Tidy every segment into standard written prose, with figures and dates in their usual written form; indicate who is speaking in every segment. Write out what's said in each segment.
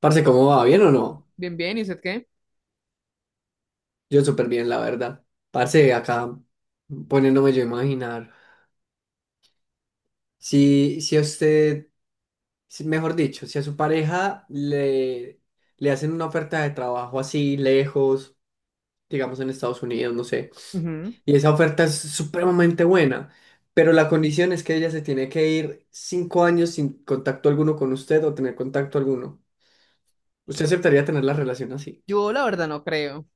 Speaker 1: Parce, ¿cómo va? ¿Bien o no?
Speaker 2: Bien, bien, ¿y usted qué?
Speaker 1: Yo súper bien, la verdad. Parce, acá poniéndome yo a imaginar. Si a usted, mejor dicho, si a su pareja le hacen una oferta de trabajo así lejos, digamos en Estados Unidos, no sé, y esa oferta es supremamente buena, pero la condición es que ella se tiene que ir 5 años sin contacto alguno con usted o tener contacto alguno. ¿Usted aceptaría tener la relación así?
Speaker 2: Yo la verdad no creo,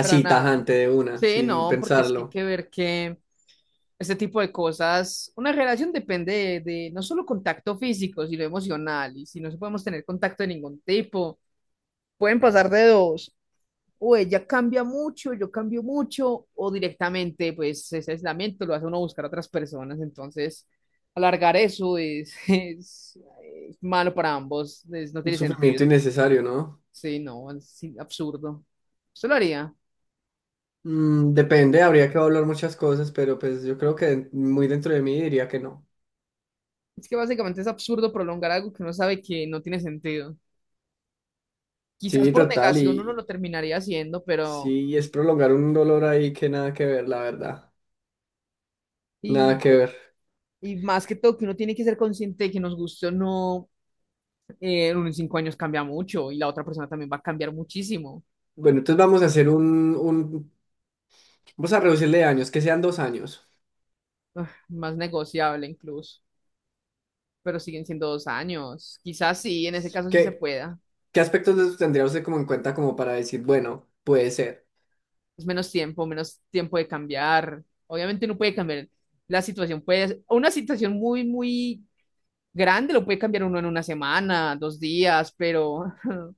Speaker 2: para nada.
Speaker 1: tajante de una,
Speaker 2: Sí,
Speaker 1: sin
Speaker 2: no, porque es que hay
Speaker 1: pensarlo.
Speaker 2: que ver que este tipo de cosas, una relación depende de no solo contacto físico, sino emocional, y si no podemos tener contacto de ningún tipo, pueden pasar de dos, o ella cambia mucho, yo cambio mucho, o directamente, pues ese aislamiento lo hace uno buscar a otras personas, entonces alargar eso es, es malo para ambos, no
Speaker 1: Un
Speaker 2: tiene
Speaker 1: sufrimiento
Speaker 2: sentido.
Speaker 1: innecesario, ¿no?
Speaker 2: Sí, no, es sí, absurdo. Usted lo haría.
Speaker 1: Mm, depende, habría que hablar muchas cosas, pero pues yo creo que muy dentro de mí diría que no.
Speaker 2: Es que básicamente es absurdo prolongar algo que uno sabe que no tiene sentido. Quizás
Speaker 1: Sí,
Speaker 2: por
Speaker 1: total,
Speaker 2: negación uno
Speaker 1: y
Speaker 2: lo terminaría haciendo, pero.
Speaker 1: sí, es prolongar un dolor ahí que nada que ver, la verdad. Nada
Speaker 2: Y,
Speaker 1: que ver.
Speaker 2: y más que todo, que uno tiene que ser consciente de que nos guste o no, uno en 5 años cambia mucho y la otra persona también va a cambiar muchísimo.
Speaker 1: Bueno, entonces vamos a hacer vamos a reducirle años, que sean 2 años.
Speaker 2: Ah, más negociable incluso, pero siguen siendo 2 años. Quizás sí, en ese caso sí se
Speaker 1: ¿Qué,
Speaker 2: pueda.
Speaker 1: qué aspectos de eso tendría usted como en cuenta como para decir, bueno, ¿puede ser?
Speaker 2: Es menos tiempo de cambiar. Obviamente no puede cambiar la situación, puede, una situación muy, muy grande lo puede cambiar uno en una semana, 2 días, pero,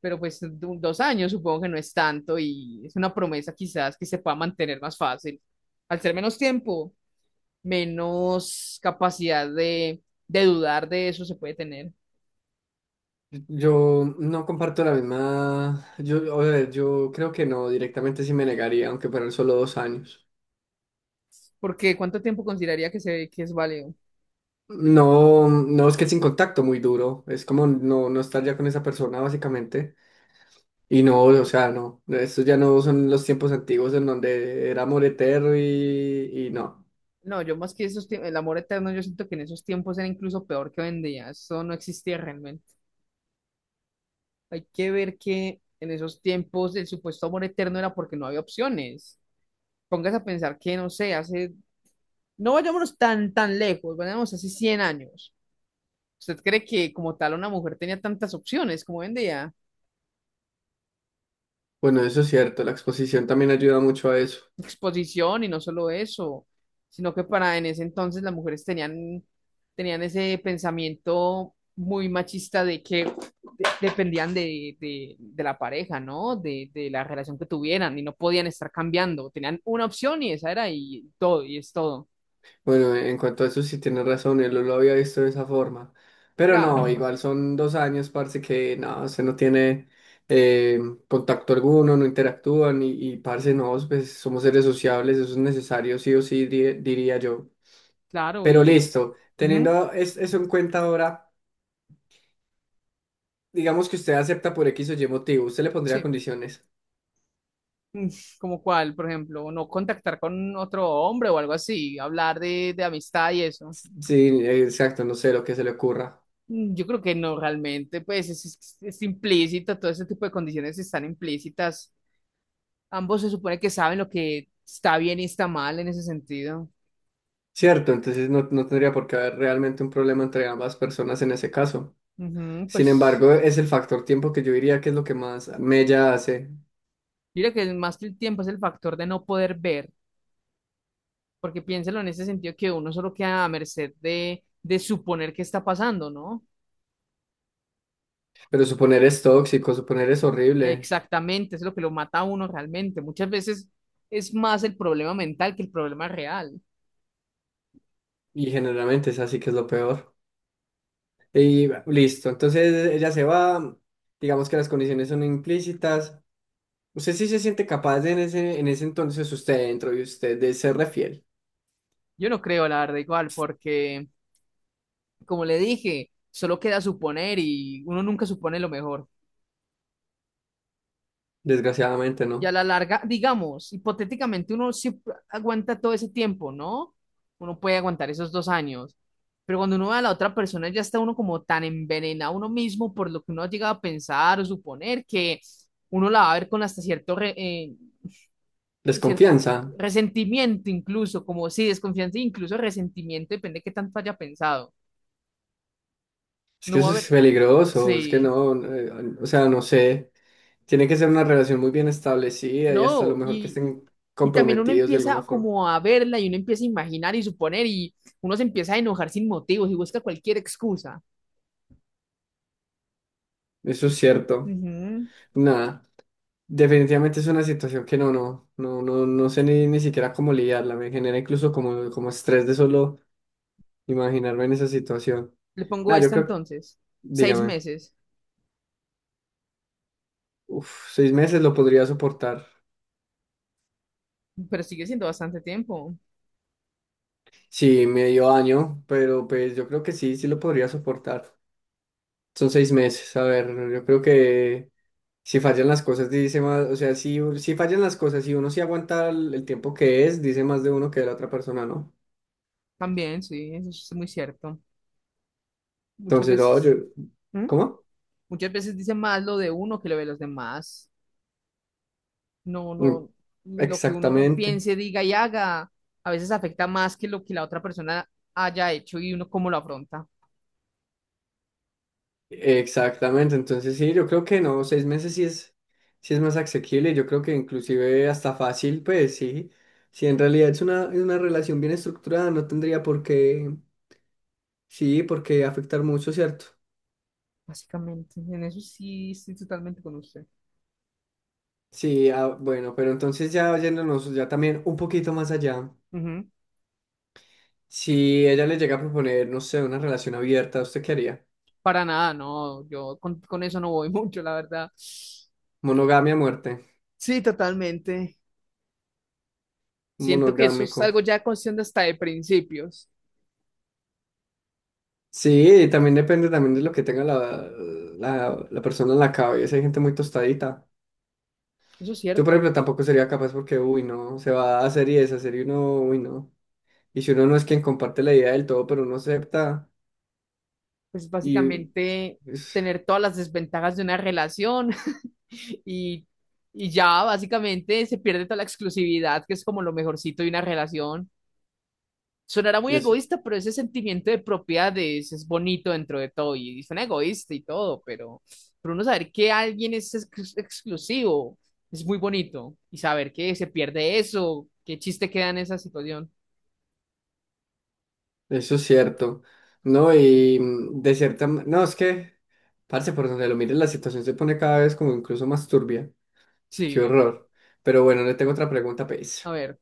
Speaker 2: pero pues 2 años supongo que no es tanto y es una promesa quizás que se pueda mantener más fácil. Al ser menos tiempo, menos capacidad de dudar de eso se puede tener.
Speaker 1: Yo no comparto la misma, yo, a ver, yo creo que no, directamente sí me negaría, aunque fueran solo 2 años.
Speaker 2: Porque ¿cuánto tiempo consideraría que es válido?
Speaker 1: No, no, es que es sin contacto muy duro, es como no, no estar ya con esa persona básicamente. Y no, o sea, no, estos ya no son los tiempos antiguos en donde era amor eterno y no.
Speaker 2: No, yo más que esos tiempos, el amor eterno, yo siento que en esos tiempos era incluso peor que hoy en día. Eso no existía realmente. Hay que ver que en esos tiempos el supuesto amor eterno era porque no había opciones. Póngase a pensar que, no sé, hace, no vayámonos tan, tan lejos, vayamos hace 100 años. ¿Usted cree que como tal una mujer tenía tantas opciones como hoy en día?
Speaker 1: Bueno, eso es cierto, la exposición también ayuda mucho a eso.
Speaker 2: Exposición y no solo eso, sino que para en ese entonces las mujeres tenían ese pensamiento muy machista de que dependían de la pareja, ¿no? De la relación que tuvieran y no podían estar cambiando. Tenían una opción y esa era y todo, y es todo.
Speaker 1: Bueno, en cuanto a eso sí tienes razón, él no lo había visto de esa forma. Pero no,
Speaker 2: Claro,
Speaker 1: igual son 2 años, parce, que no, se no tiene eh, contacto alguno, no interactúan y parce, no, pues somos seres sociables, eso es necesario, sí o sí, diría yo.
Speaker 2: claro,
Speaker 1: Pero
Speaker 2: y.
Speaker 1: listo,
Speaker 2: Ujú,
Speaker 1: teniendo eso en cuenta ahora, digamos que usted acepta por X o Y motivo, usted le pondría
Speaker 2: sí.
Speaker 1: condiciones.
Speaker 2: Mm, ¿Como cuál, por ejemplo? No contactar con otro hombre o algo así, hablar de amistad y eso.
Speaker 1: Sí, exacto, no sé lo que se le ocurra.
Speaker 2: Yo creo que no realmente, pues es implícito, todo ese tipo de condiciones están implícitas. Ambos se supone que saben lo que está bien y está mal en ese sentido.
Speaker 1: Cierto, entonces no, no tendría por qué haber realmente un problema entre ambas personas en ese caso.
Speaker 2: Ujú,
Speaker 1: Sin
Speaker 2: pues
Speaker 1: embargo, es el factor tiempo que yo diría que es lo que más mella hace.
Speaker 2: mira que más que el tiempo es el factor de no poder ver, porque piénselo en ese sentido que uno solo queda a merced de suponer qué está pasando, ¿no?
Speaker 1: Pero suponer es tóxico, suponer es horrible.
Speaker 2: Exactamente, es lo que lo mata a uno realmente. Muchas veces es más el problema mental que el problema real.
Speaker 1: Y generalmente es así que es lo peor. Y listo. Entonces ella se va. Digamos que las condiciones son implícitas. Usted sí se siente capaz de en ese entonces, usted dentro y usted de serle fiel.
Speaker 2: Yo no creo, la verdad, igual, porque como le dije, solo queda suponer y uno nunca supone lo mejor.
Speaker 1: Desgraciadamente,
Speaker 2: Y a
Speaker 1: ¿no?
Speaker 2: la larga, digamos, hipotéticamente uno siempre aguanta todo ese tiempo, ¿no? Uno puede aguantar esos 2 años, pero cuando uno ve a la otra persona ya está uno como tan envenenado uno mismo por lo que uno ha llegado a pensar o suponer que uno la va a ver con hasta cierto, cier-
Speaker 1: Desconfianza.
Speaker 2: resentimiento incluso, como sí, desconfianza, e incluso resentimiento, depende de qué tanto haya pensado.
Speaker 1: Es que
Speaker 2: No va a
Speaker 1: eso es
Speaker 2: haber,
Speaker 1: peligroso. Es que
Speaker 2: sí.
Speaker 1: no. O sea, no sé. Tiene que ser una relación muy bien establecida y hasta lo
Speaker 2: No,
Speaker 1: mejor que
Speaker 2: y
Speaker 1: estén
Speaker 2: Y también uno
Speaker 1: comprometidos de alguna
Speaker 2: empieza
Speaker 1: forma.
Speaker 2: como a verla y uno empieza a imaginar y suponer y uno se empieza a enojar sin motivos y busca cualquier excusa.
Speaker 1: Eso es
Speaker 2: Es-
Speaker 1: cierto.
Speaker 2: Ujú.
Speaker 1: Nada, definitivamente es una situación que no, no, no, no, no sé ni siquiera cómo lidiarla. Me genera incluso como estrés de solo imaginarme en esa situación.
Speaker 2: Le pongo
Speaker 1: Nada, yo
Speaker 2: esta
Speaker 1: creo,
Speaker 2: entonces, seis
Speaker 1: dígame,
Speaker 2: meses,
Speaker 1: uf, 6 meses lo podría soportar.
Speaker 2: pero sigue siendo bastante tiempo.
Speaker 1: Sí, medio año, pero pues yo creo que sí, sí lo podría soportar. Son 6 meses, a ver, yo creo que si fallan las cosas, dice más, o sea, si fallan las cosas y uno sí aguanta el tiempo que es, dice más de uno que de la otra persona, ¿no?
Speaker 2: También, sí, eso es muy cierto. Muchas
Speaker 1: Entonces, no, yo,
Speaker 2: veces, ¿Mm?
Speaker 1: ¿cómo?
Speaker 2: Muchas veces dice más lo de uno que lo de los demás. No,
Speaker 1: Mm,
Speaker 2: no, lo que uno
Speaker 1: exactamente,
Speaker 2: piense, diga y haga, a veces afecta más que lo que la otra persona haya hecho y uno cómo lo afronta.
Speaker 1: exactamente. Entonces, sí, yo creo que no, 6 meses sí es más asequible. Yo creo que inclusive hasta fácil, pues sí. Si en realidad es una relación bien estructurada, no tendría por qué, sí, por qué afectar mucho, ¿cierto?
Speaker 2: Básicamente, en eso sí estoy totalmente con usted.
Speaker 1: Sí, ah, bueno, pero entonces ya yéndonos ya también un poquito más allá.
Speaker 2: Ujú.
Speaker 1: Si ella le llega a proponer, no sé, una relación abierta, ¿usted qué haría?
Speaker 2: Para nada, no, yo con eso no voy mucho, la verdad.
Speaker 1: Monogamia a muerte,
Speaker 2: Sí, totalmente. Siento que eso es
Speaker 1: monogámico.
Speaker 2: algo ya cuestión de hasta de principios.
Speaker 1: Sí, también depende también de lo que tenga la persona en la cabeza. Hay gente muy tostadita.
Speaker 2: Eso es
Speaker 1: Yo, por ejemplo,
Speaker 2: cierto.
Speaker 1: tampoco sería capaz porque, uy, no, se va a hacer y deshacer y uno, uy, no. Y si uno no es quien comparte la idea del todo, pero uno acepta,
Speaker 2: Pues
Speaker 1: y
Speaker 2: básicamente
Speaker 1: es-
Speaker 2: tener todas las desventajas de una relación y, y ya básicamente se pierde toda la exclusividad, que es como lo mejorcito de una relación. Sonará muy
Speaker 1: eso,
Speaker 2: egoísta, pero ese sentimiento de propiedad es bonito dentro de todo y suena egoísta y todo, pero uno saber que alguien es exclusivo es muy bonito y saber que se pierde eso, qué chiste queda en esa situación.
Speaker 1: eso es cierto, ¿no? Y de cierta no, es que, parce, por donde lo mires, la situación se pone cada vez como incluso más turbia. Qué
Speaker 2: Sí,
Speaker 1: horror. Pero bueno, le tengo otra pregunta,
Speaker 2: a
Speaker 1: pues.
Speaker 2: ver,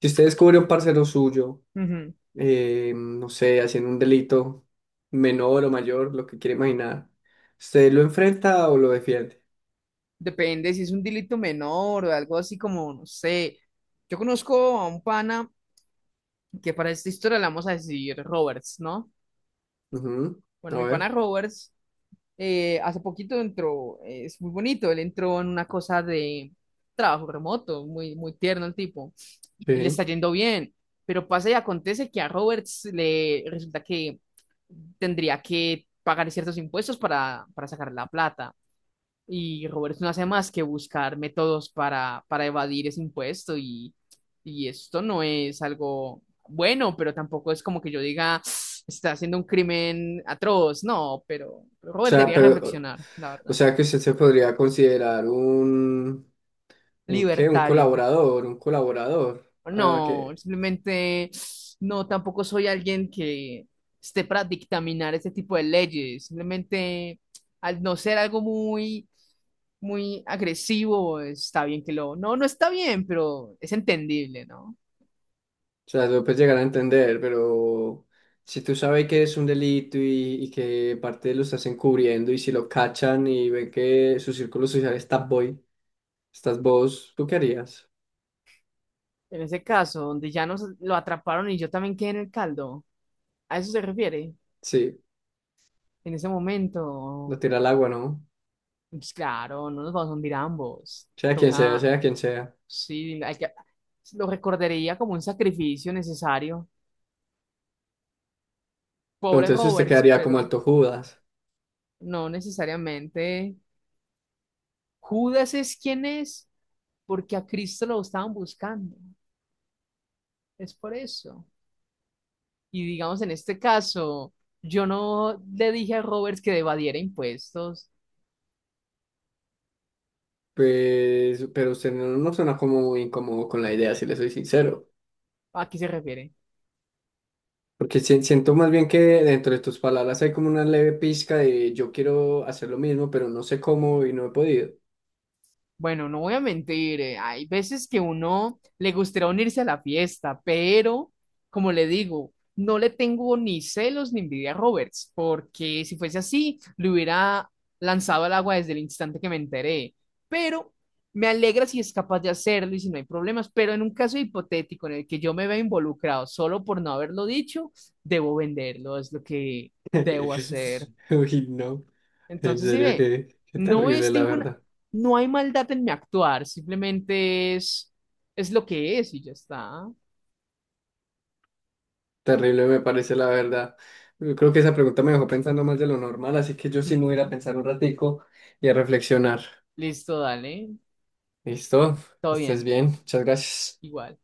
Speaker 1: Si usted descubre un parcero suyo,
Speaker 2: ujú.
Speaker 1: no sé, haciendo un delito menor o mayor, lo que quiere imaginar. ¿Usted lo enfrenta o lo defiende?
Speaker 2: Depende si es un delito menor o algo así como, no sé. Yo conozco a un pana que para esta historia le vamos a decir Roberts, ¿no?
Speaker 1: Ujú.
Speaker 2: Bueno,
Speaker 1: A
Speaker 2: mi pana
Speaker 1: ver,
Speaker 2: Roberts hace poquito entró, es muy bonito, él entró en una cosa de trabajo remoto, muy, muy tierno el tipo, él le
Speaker 1: sí. O
Speaker 2: está yendo bien, pero pasa y acontece que a Roberts le resulta que tendría que pagar ciertos impuestos para sacar la plata. Y Roberto no hace más que buscar métodos para evadir ese impuesto y esto no es algo bueno, pero tampoco es como que yo diga, "Ah, está haciendo un crimen atroz, no, pero Robert
Speaker 1: sea,
Speaker 2: debería
Speaker 1: pero,
Speaker 2: reflexionar, la
Speaker 1: o
Speaker 2: verdad.
Speaker 1: sea que usted se podría considerar un qué, un
Speaker 2: Libertario.
Speaker 1: colaborador, un colaborador. Ah,
Speaker 2: No,
Speaker 1: que,
Speaker 2: simplemente no, tampoco soy alguien que esté para dictaminar este tipo de leyes. Simplemente al no ser algo muy, muy agresivo, está bien que lo. No, no está bien, pero es entendible, ¿no?
Speaker 1: o sea, lo puedes llegar a entender, pero si tú sabes que es un delito y que parte lo estás encubriendo y si lo cachan y ven que su círculo social está boy, estás vos, ¿tú qué harías?
Speaker 2: En ese caso, donde ya nos lo atraparon y yo también quedé en el caldo, ¿a eso se refiere?
Speaker 1: Sí,
Speaker 2: En ese
Speaker 1: lo
Speaker 2: momento,
Speaker 1: tira al agua, ¿no?
Speaker 2: pues claro, no nos vamos a hundir ambos.
Speaker 1: Sea quien sea,
Speaker 2: Toca,
Speaker 1: sea quien sea.
Speaker 2: sí, hay que, lo recordaría como un sacrificio necesario.
Speaker 1: Pero
Speaker 2: Pobre
Speaker 1: entonces usted
Speaker 2: Roberts,
Speaker 1: quedaría como
Speaker 2: pero
Speaker 1: alto Judas.
Speaker 2: no necesariamente. Judas es quien es, porque a Cristo lo estaban buscando. Es por eso. Y digamos, en este caso, yo no le dije a Roberts que evadiera impuestos.
Speaker 1: Pues, pero usted no, no suena como muy incómodo con la idea, si le soy sincero.
Speaker 2: ¿A qué se refiere?
Speaker 1: Porque siento más bien que dentro de tus palabras hay como una leve pizca de yo quiero hacer lo mismo, pero no sé cómo y no he podido.
Speaker 2: Bueno, no voy a mentir, hay veces que uno le gustaría unirse a la fiesta, pero como le digo, no le tengo ni celos ni envidia a Roberts, porque si fuese así, le hubiera lanzado al agua desde el instante que me enteré. Pero me alegra si es capaz de hacerlo y si no hay problemas, pero en un caso hipotético en el que yo me vea involucrado solo por no haberlo dicho, debo venderlo, es lo que debo hacer.
Speaker 1: Uy, no, en
Speaker 2: Entonces, si
Speaker 1: serio
Speaker 2: ve,
Speaker 1: que
Speaker 2: no
Speaker 1: terrible
Speaker 2: es
Speaker 1: la
Speaker 2: ninguna,
Speaker 1: verdad.
Speaker 2: no hay maldad en mi actuar, simplemente es lo que es y ya está.
Speaker 1: Terrible me parece la verdad. Yo creo que esa pregunta me dejó pensando más de lo normal, así que yo sí me voy a ir a
Speaker 2: Ujú.
Speaker 1: pensar un ratico y a reflexionar.
Speaker 2: Listo, dale,
Speaker 1: ¿Listo?
Speaker 2: todo
Speaker 1: Estés
Speaker 2: bien,
Speaker 1: bien. Muchas gracias.
Speaker 2: igual.